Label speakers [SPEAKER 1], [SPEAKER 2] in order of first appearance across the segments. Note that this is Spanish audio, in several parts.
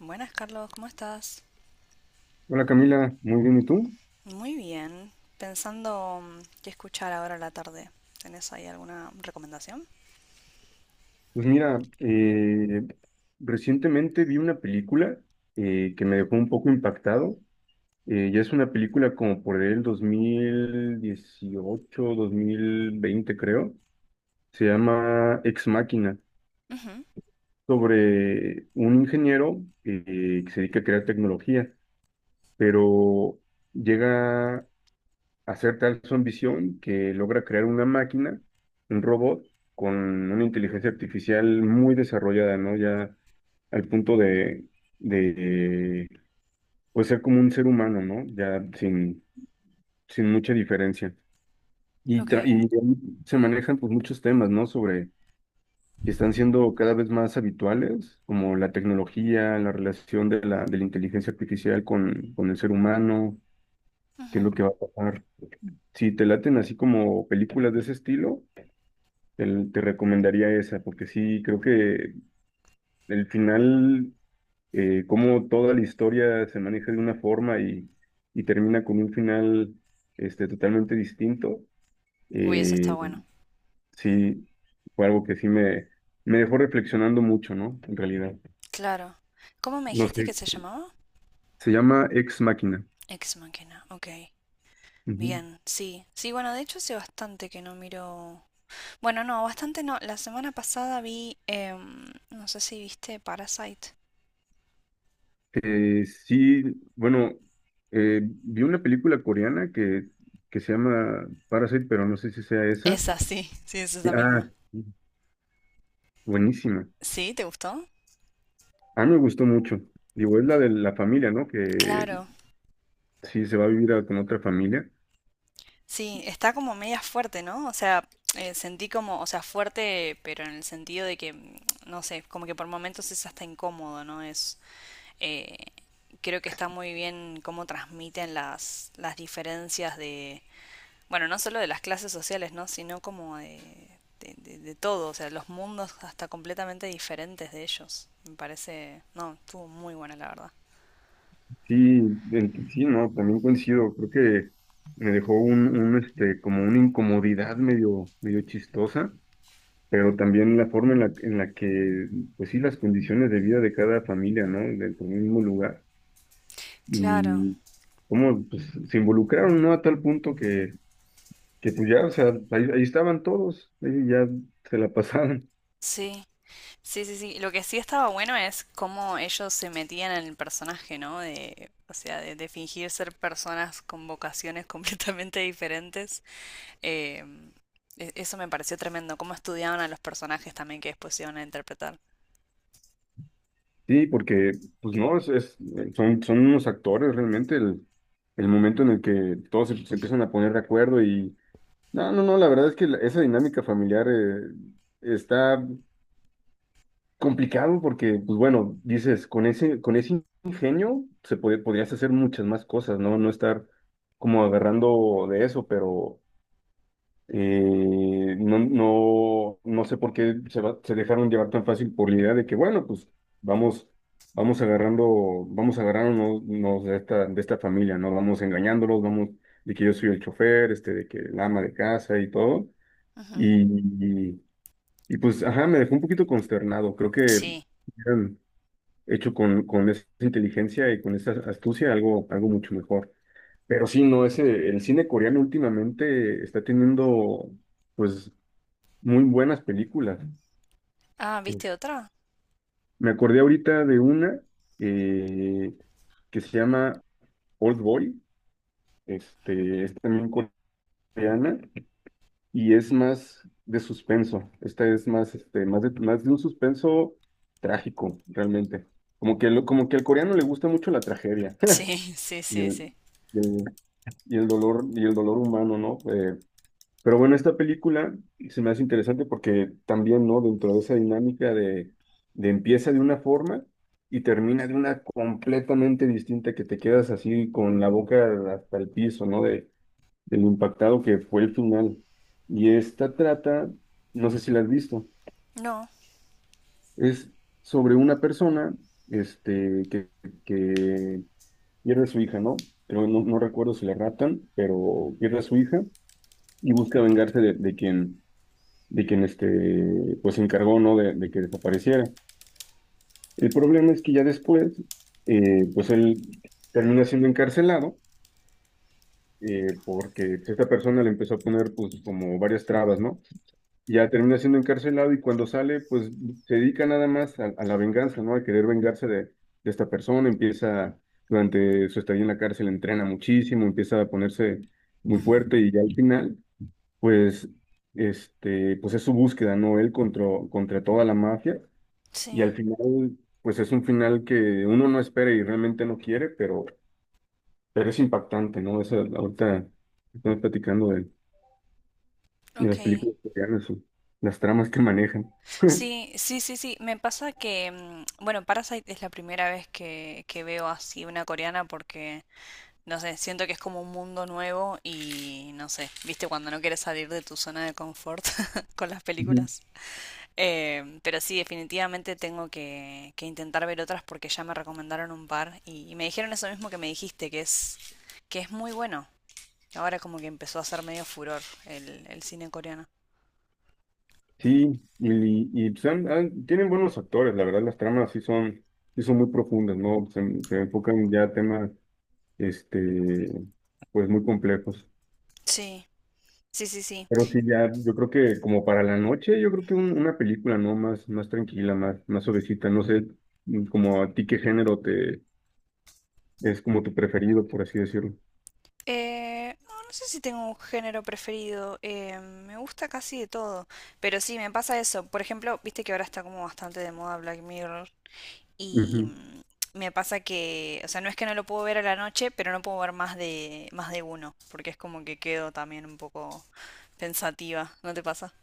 [SPEAKER 1] Buenas, Carlos, ¿cómo estás?
[SPEAKER 2] Hola Camila, muy bien, ¿y tú?
[SPEAKER 1] Muy bien. Pensando qué escuchar ahora a la tarde. ¿Tenés ahí alguna recomendación?
[SPEAKER 2] Pues mira, recientemente vi una película que me dejó un poco impactado. Ya es una película como por el dos mil dieciocho 2020 creo. Se llama Ex Máquina
[SPEAKER 1] Ujú.
[SPEAKER 2] sobre un ingeniero que se dedica a crear tecnología, pero llega hacer tal su ambición que logra crear una máquina, un robot, con una inteligencia artificial muy desarrollada, ¿no? Ya al punto de pues ser como un ser humano, ¿no? Ya sin mucha diferencia. Y,
[SPEAKER 1] Ok.
[SPEAKER 2] tra- y se manejan pues muchos temas, ¿no? Sobre que están siendo cada vez más habituales, como la tecnología, la relación de la inteligencia artificial con el ser humano, qué es lo
[SPEAKER 1] Ujú.
[SPEAKER 2] que va a pasar. Si te laten así como películas de ese estilo, Te, te recomendaría esa, porque sí, creo que el final, como toda la historia se maneja de una forma y termina con un final este, totalmente distinto,
[SPEAKER 1] Uy, eso está
[SPEAKER 2] eh,
[SPEAKER 1] bueno.
[SPEAKER 2] sí, fue algo que sí me dejó reflexionando mucho, ¿no? En realidad,
[SPEAKER 1] Claro. ¿Cómo me
[SPEAKER 2] no
[SPEAKER 1] dijiste que
[SPEAKER 2] sé,
[SPEAKER 1] se llamaba?
[SPEAKER 2] se llama Ex máquina.
[SPEAKER 1] Ex Machina. Ok.
[SPEAKER 2] Ujú.
[SPEAKER 1] Bien, sí. Sí, bueno, de hecho hace bastante que no miro... Bueno, no, bastante no. La semana pasada vi... no sé si viste Parasite.
[SPEAKER 2] Sí, bueno, vi una película coreana que se llama Parasite, pero no sé si sea esa.
[SPEAKER 1] Esa, sí. Sí, es esa
[SPEAKER 2] Ah,
[SPEAKER 1] misma.
[SPEAKER 2] buenísima.
[SPEAKER 1] ¿Sí? ¿Te gustó?
[SPEAKER 2] A mí me gustó mucho. Digo, es la de la familia, ¿no? Que
[SPEAKER 1] Claro.
[SPEAKER 2] sí se va a vivir con otra familia.
[SPEAKER 1] Sí, está como media fuerte, ¿no? O sea, sentí como, o sea, fuerte, pero en el sentido de que, no sé, como que por momentos es hasta incómodo, ¿no? Eh, creo que está muy bien cómo transmiten las diferencias de, bueno, no solo de las clases sociales, ¿no? Sino como de, de todo, o sea, los mundos hasta completamente diferentes de ellos. Me parece, no, estuvo muy buena, la verdad.
[SPEAKER 2] Sí, sí, no, también coincido. Creo que me dejó un, un, como una incomodidad medio chistosa, pero también la forma en la que, pues sí, las condiciones de vida de cada familia, ¿no? Dentro del mismo lugar.
[SPEAKER 1] Claro,
[SPEAKER 2] Y cómo, pues, se involucraron, ¿no? A tal punto que pues ya, o sea, ahí estaban todos, ahí ya se la pasaban.
[SPEAKER 1] sí. Sí, sí, sí. Lo que sí estaba bueno es cómo ellos se metían en el personaje, ¿no? De, o sea, de fingir ser personas con vocaciones completamente diferentes. Eh, eso me pareció tremendo. Cómo estudiaban a los personajes también que después se iban a interpretar.
[SPEAKER 2] Sí, porque, pues no, es, son unos actores realmente el momento en el que todos se empiezan a poner de acuerdo y no, no, no, la verdad es que esa dinámica familiar está complicado porque, pues bueno, dices, con ese ingenio podrías hacer muchas más cosas, ¿no? No estar como agarrando de eso, pero no, no, no sé por qué se dejaron llevar tan fácil por la idea de que, bueno, pues vamos, vamos agarrando, vamos agarrándonos de esta familia, ¿no? Vamos engañándolos, vamos, de que yo soy el chofer, este, de que el ama de casa y todo.
[SPEAKER 1] Ujú.
[SPEAKER 2] Y, y, y, pues, ajá, me dejó un poquito consternado. Creo que
[SPEAKER 1] Sí.
[SPEAKER 2] hubieran hecho con esa inteligencia y con esa astucia algo mucho mejor. Pero sí, no, ese, el cine coreano últimamente está teniendo, pues, muy buenas películas.
[SPEAKER 1] Ah, ¿viste
[SPEAKER 2] Es-
[SPEAKER 1] otra?
[SPEAKER 2] me acordé ahorita de una eh, que se llama Old Boy. Este, es también coreana y es más de suspenso. Esta es más, este, más de un suspenso trágico, realmente. Como que, como que al coreano le gusta mucho la tragedia
[SPEAKER 1] Sí, sí,
[SPEAKER 2] y
[SPEAKER 1] sí, sí.
[SPEAKER 2] y el, el dolor, y el dolor humano, ¿no? Pero bueno, esta película se me hace interesante porque también, ¿no? Dentro de esa dinámica de, empieza de una forma y termina de una completamente distinta que te quedas así con la boca hasta el piso, ¿no? Del impactado que fue el final. Y esta trata, no sé si la has visto,
[SPEAKER 1] No.
[SPEAKER 2] es sobre una persona, este, que pierde a su hija, ¿no? Pero no, no recuerdo si la raptan, pero pierde a su hija y busca vengarse de quien este, pues se encargó, ¿no? De que desapareciera. El problema es que ya después, pues él termina siendo encarcelado, porque pues, esta persona le empezó a poner, pues, como varias trabas, ¿no? Ya termina siendo encarcelado y cuando sale, pues, se dedica nada más a la venganza, ¿no? A querer vengarse de esta persona, empieza, durante su estadía en la cárcel, entrena muchísimo, empieza a ponerse muy
[SPEAKER 1] Ujú.
[SPEAKER 2] fuerte y ya al final, pues, este, pues es su búsqueda, ¿no? Él contra, contra toda la mafia. Y al
[SPEAKER 1] Sí.
[SPEAKER 2] final, pues es un final que uno no espera y realmente no quiere, pero es impactante, ¿no? Esa, ahorita estamos platicando de
[SPEAKER 1] Ok.
[SPEAKER 2] las películas coreanas, o las tramas que manejan.
[SPEAKER 1] Sí, sí, sí, sí. Me pasa que, bueno, Parasite es la primera vez que veo así una coreana porque no sé, siento que es como un mundo nuevo y no sé, viste cuando no quieres salir de tu zona de confort con las
[SPEAKER 2] Ujú.
[SPEAKER 1] películas. Pero sí, definitivamente tengo que intentar ver otras porque ya me recomendaron un par y me dijeron eso mismo que me dijiste, que es muy bueno. Ahora como que empezó a ser medio furor el cine coreano.
[SPEAKER 2] Sí, y, pues, tienen buenos actores, la verdad, las tramas sí son muy profundas, ¿no? Se enfocan ya a temas, este, pues muy complejos.
[SPEAKER 1] Sí, sí, sí, sí.
[SPEAKER 2] Pero sí, ya, yo creo que como para la noche, yo creo que una película, ¿no? Más, más tranquila, más, más suavecita. No sé, como a ti qué género te es como tu preferido, por así decirlo.
[SPEAKER 1] No, no sé si tengo un género preferido. Eh, me gusta casi de todo. Pero sí, me pasa eso. Por ejemplo, viste que ahora está como bastante de moda Black Mirror. Y
[SPEAKER 2] Ujú.
[SPEAKER 1] me pasa que, o sea, no es que no lo puedo ver a la noche, pero no puedo ver más de uno. Porque es como que quedo también un poco pensativa. ¿No te pasa?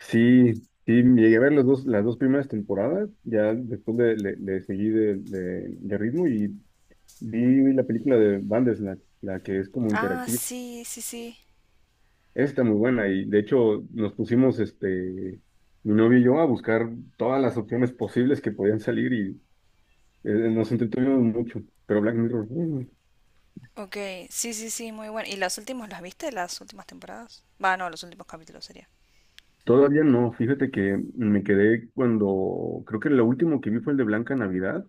[SPEAKER 2] Sí, sí, llegué a ver las dos primeras temporadas, ya después le seguí de ritmo y vi la película de Bandersnatch, la que es como
[SPEAKER 1] Ah,
[SPEAKER 2] interactiva.
[SPEAKER 1] sí, sí, sí.
[SPEAKER 2] Está muy buena y de hecho nos pusimos, este, mi novio y yo a buscar todas las opciones posibles que podían salir. Nos entretuvimos mucho, pero Black Mirror,
[SPEAKER 1] Ok, sí, sí, sí, muy bueno. ¿Y las últimas las viste? ¿Las últimas temporadas? Va, no, los últimos capítulos sería.
[SPEAKER 2] todavía no. Fíjate que me quedé cuando, creo que lo último que vi fue el de Blanca Navidad,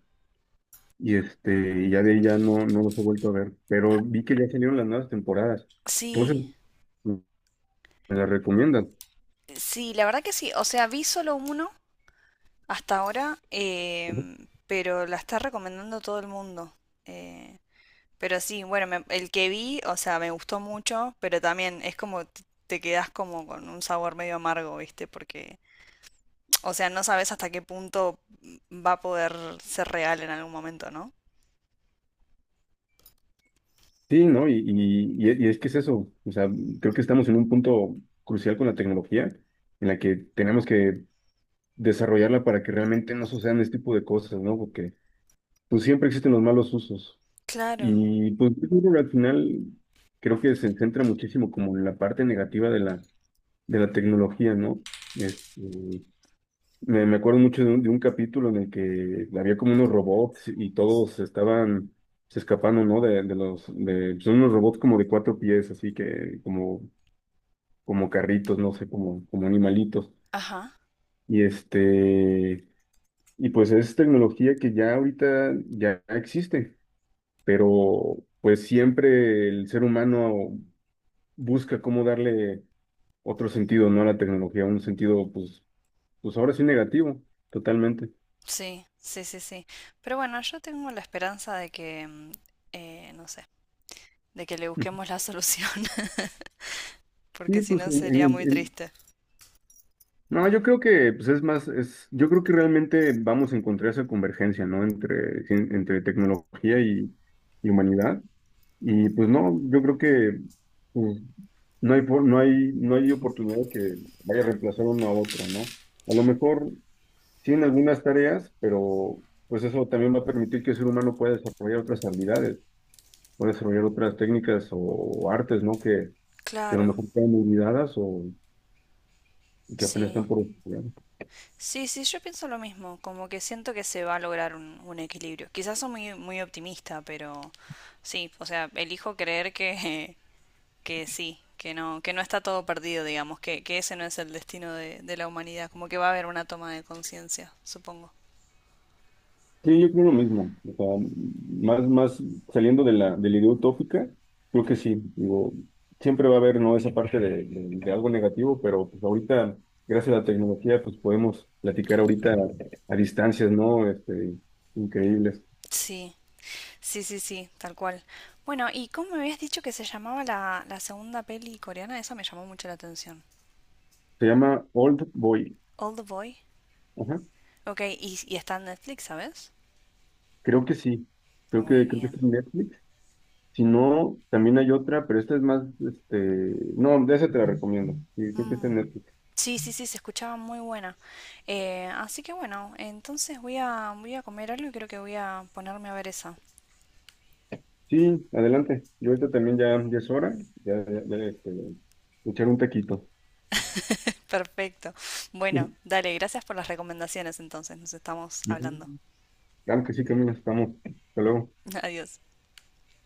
[SPEAKER 2] y este, y ya de ahí ya no los he vuelto a ver, pero vi que ya salieron las nuevas temporadas. Entonces,
[SPEAKER 1] Sí,
[SPEAKER 2] mm, me las recomiendan.
[SPEAKER 1] sí, la verdad que sí. O sea, vi solo uno hasta ahora,
[SPEAKER 2] Ujú.
[SPEAKER 1] pero la está recomendando todo el mundo. Eh, pero sí, bueno, el que vi, o sea, me gustó mucho, pero también es como te quedas como con un sabor medio amargo, ¿viste? Porque, o sea, no sabes hasta qué punto va a poder ser real en algún momento, ¿no?
[SPEAKER 2] Sí, ¿no? Y es que es eso, o sea, creo que estamos en un punto crucial con la tecnología en la que tenemos que desarrollarla para que realmente no sucedan este tipo de cosas, ¿no? Porque pues siempre existen los malos usos.
[SPEAKER 1] Claro,
[SPEAKER 2] Y pues yo creo que al final creo que se centra muchísimo como en la parte negativa de la tecnología, ¿no? Este, me acuerdo mucho de un capítulo en el que había como unos robots y todos estaban se escapando, ¿no? Son unos robots como de cuatro pies, así que como, como carritos, no sé, como, como animalitos.
[SPEAKER 1] ajá,
[SPEAKER 2] Y este, y pues es tecnología que ya ahorita ya existe, pero pues siempre el ser humano busca cómo darle otro sentido, ¿no? A la tecnología, un sentido, pues ahora sí negativo, totalmente.
[SPEAKER 1] sí, sí, sí, sí. Pero bueno, yo tengo la esperanza de que, no sé, de que le
[SPEAKER 2] Ujú.
[SPEAKER 1] busquemos la solución, porque
[SPEAKER 2] Sí,
[SPEAKER 1] si
[SPEAKER 2] pues,
[SPEAKER 1] no sería muy triste.
[SPEAKER 2] no, yo creo que, pues yo creo que realmente vamos a encontrar esa convergencia, ¿no? Entre tecnología y humanidad. Y pues no, yo creo que pues, no hay, por- no hay, no hay oportunidad que vaya a reemplazar uno a otro, ¿no? A lo mejor sí en algunas tareas, pero pues eso también va a permitir que el ser humano pueda desarrollar otras habilidades, pueda desarrollar otras técnicas o artes, ¿no? Que a lo
[SPEAKER 1] Claro,
[SPEAKER 2] mejor están olvidadas o que apenas
[SPEAKER 1] sí.
[SPEAKER 2] están por estudiar.
[SPEAKER 1] Sí, sí, yo pienso lo mismo, como que siento que se va a lograr un equilibrio. Quizás soy muy, muy optimista, pero sí, o sea, elijo creer que, que sí, que no está todo perdido, digamos, que ese no es el destino de la humanidad, como que va a haber una toma de conciencia, supongo.
[SPEAKER 2] Sí, yo creo lo mismo. O sea, más saliendo de la idea utópica, creo que sí. Digo, siempre va a haber, ¿no? Esa parte de algo negativo, pero pues ahorita, gracias a la tecnología, pues podemos platicar ahorita a distancias, ¿no? Este, increíbles.
[SPEAKER 1] Sí, sí, sí, sí, tal cual. Bueno, ¿y cómo me habías dicho que se llamaba la segunda peli coreana? Esa me llamó mucho la atención.
[SPEAKER 2] Se llama Old Boy.
[SPEAKER 1] Old Boy.
[SPEAKER 2] Ajá,
[SPEAKER 1] Ok, y está en Netflix, ¿sabes?
[SPEAKER 2] creo que sí. Creo
[SPEAKER 1] Muy
[SPEAKER 2] que, creo que
[SPEAKER 1] bien.
[SPEAKER 2] está en Netflix. Si no, también hay otra, pero esta es más, este, no, de esa te la recomiendo. Sí, creo que está en Netflix.
[SPEAKER 1] Sí, sí, sí, se escuchaba muy buena. Así que bueno, entonces voy a, voy a comer algo y creo que voy a ponerme a ver esa.
[SPEAKER 2] Sí, adelante. Yo ahorita también ya es hora. Ya, ya, ya, este, echar un taquito.
[SPEAKER 1] Perfecto. Bueno,
[SPEAKER 2] Ujú.
[SPEAKER 1] dale, gracias por las recomendaciones entonces. Nos estamos hablando.
[SPEAKER 2] Claro que sí, Camila, estamos. Hasta luego.
[SPEAKER 1] Adiós.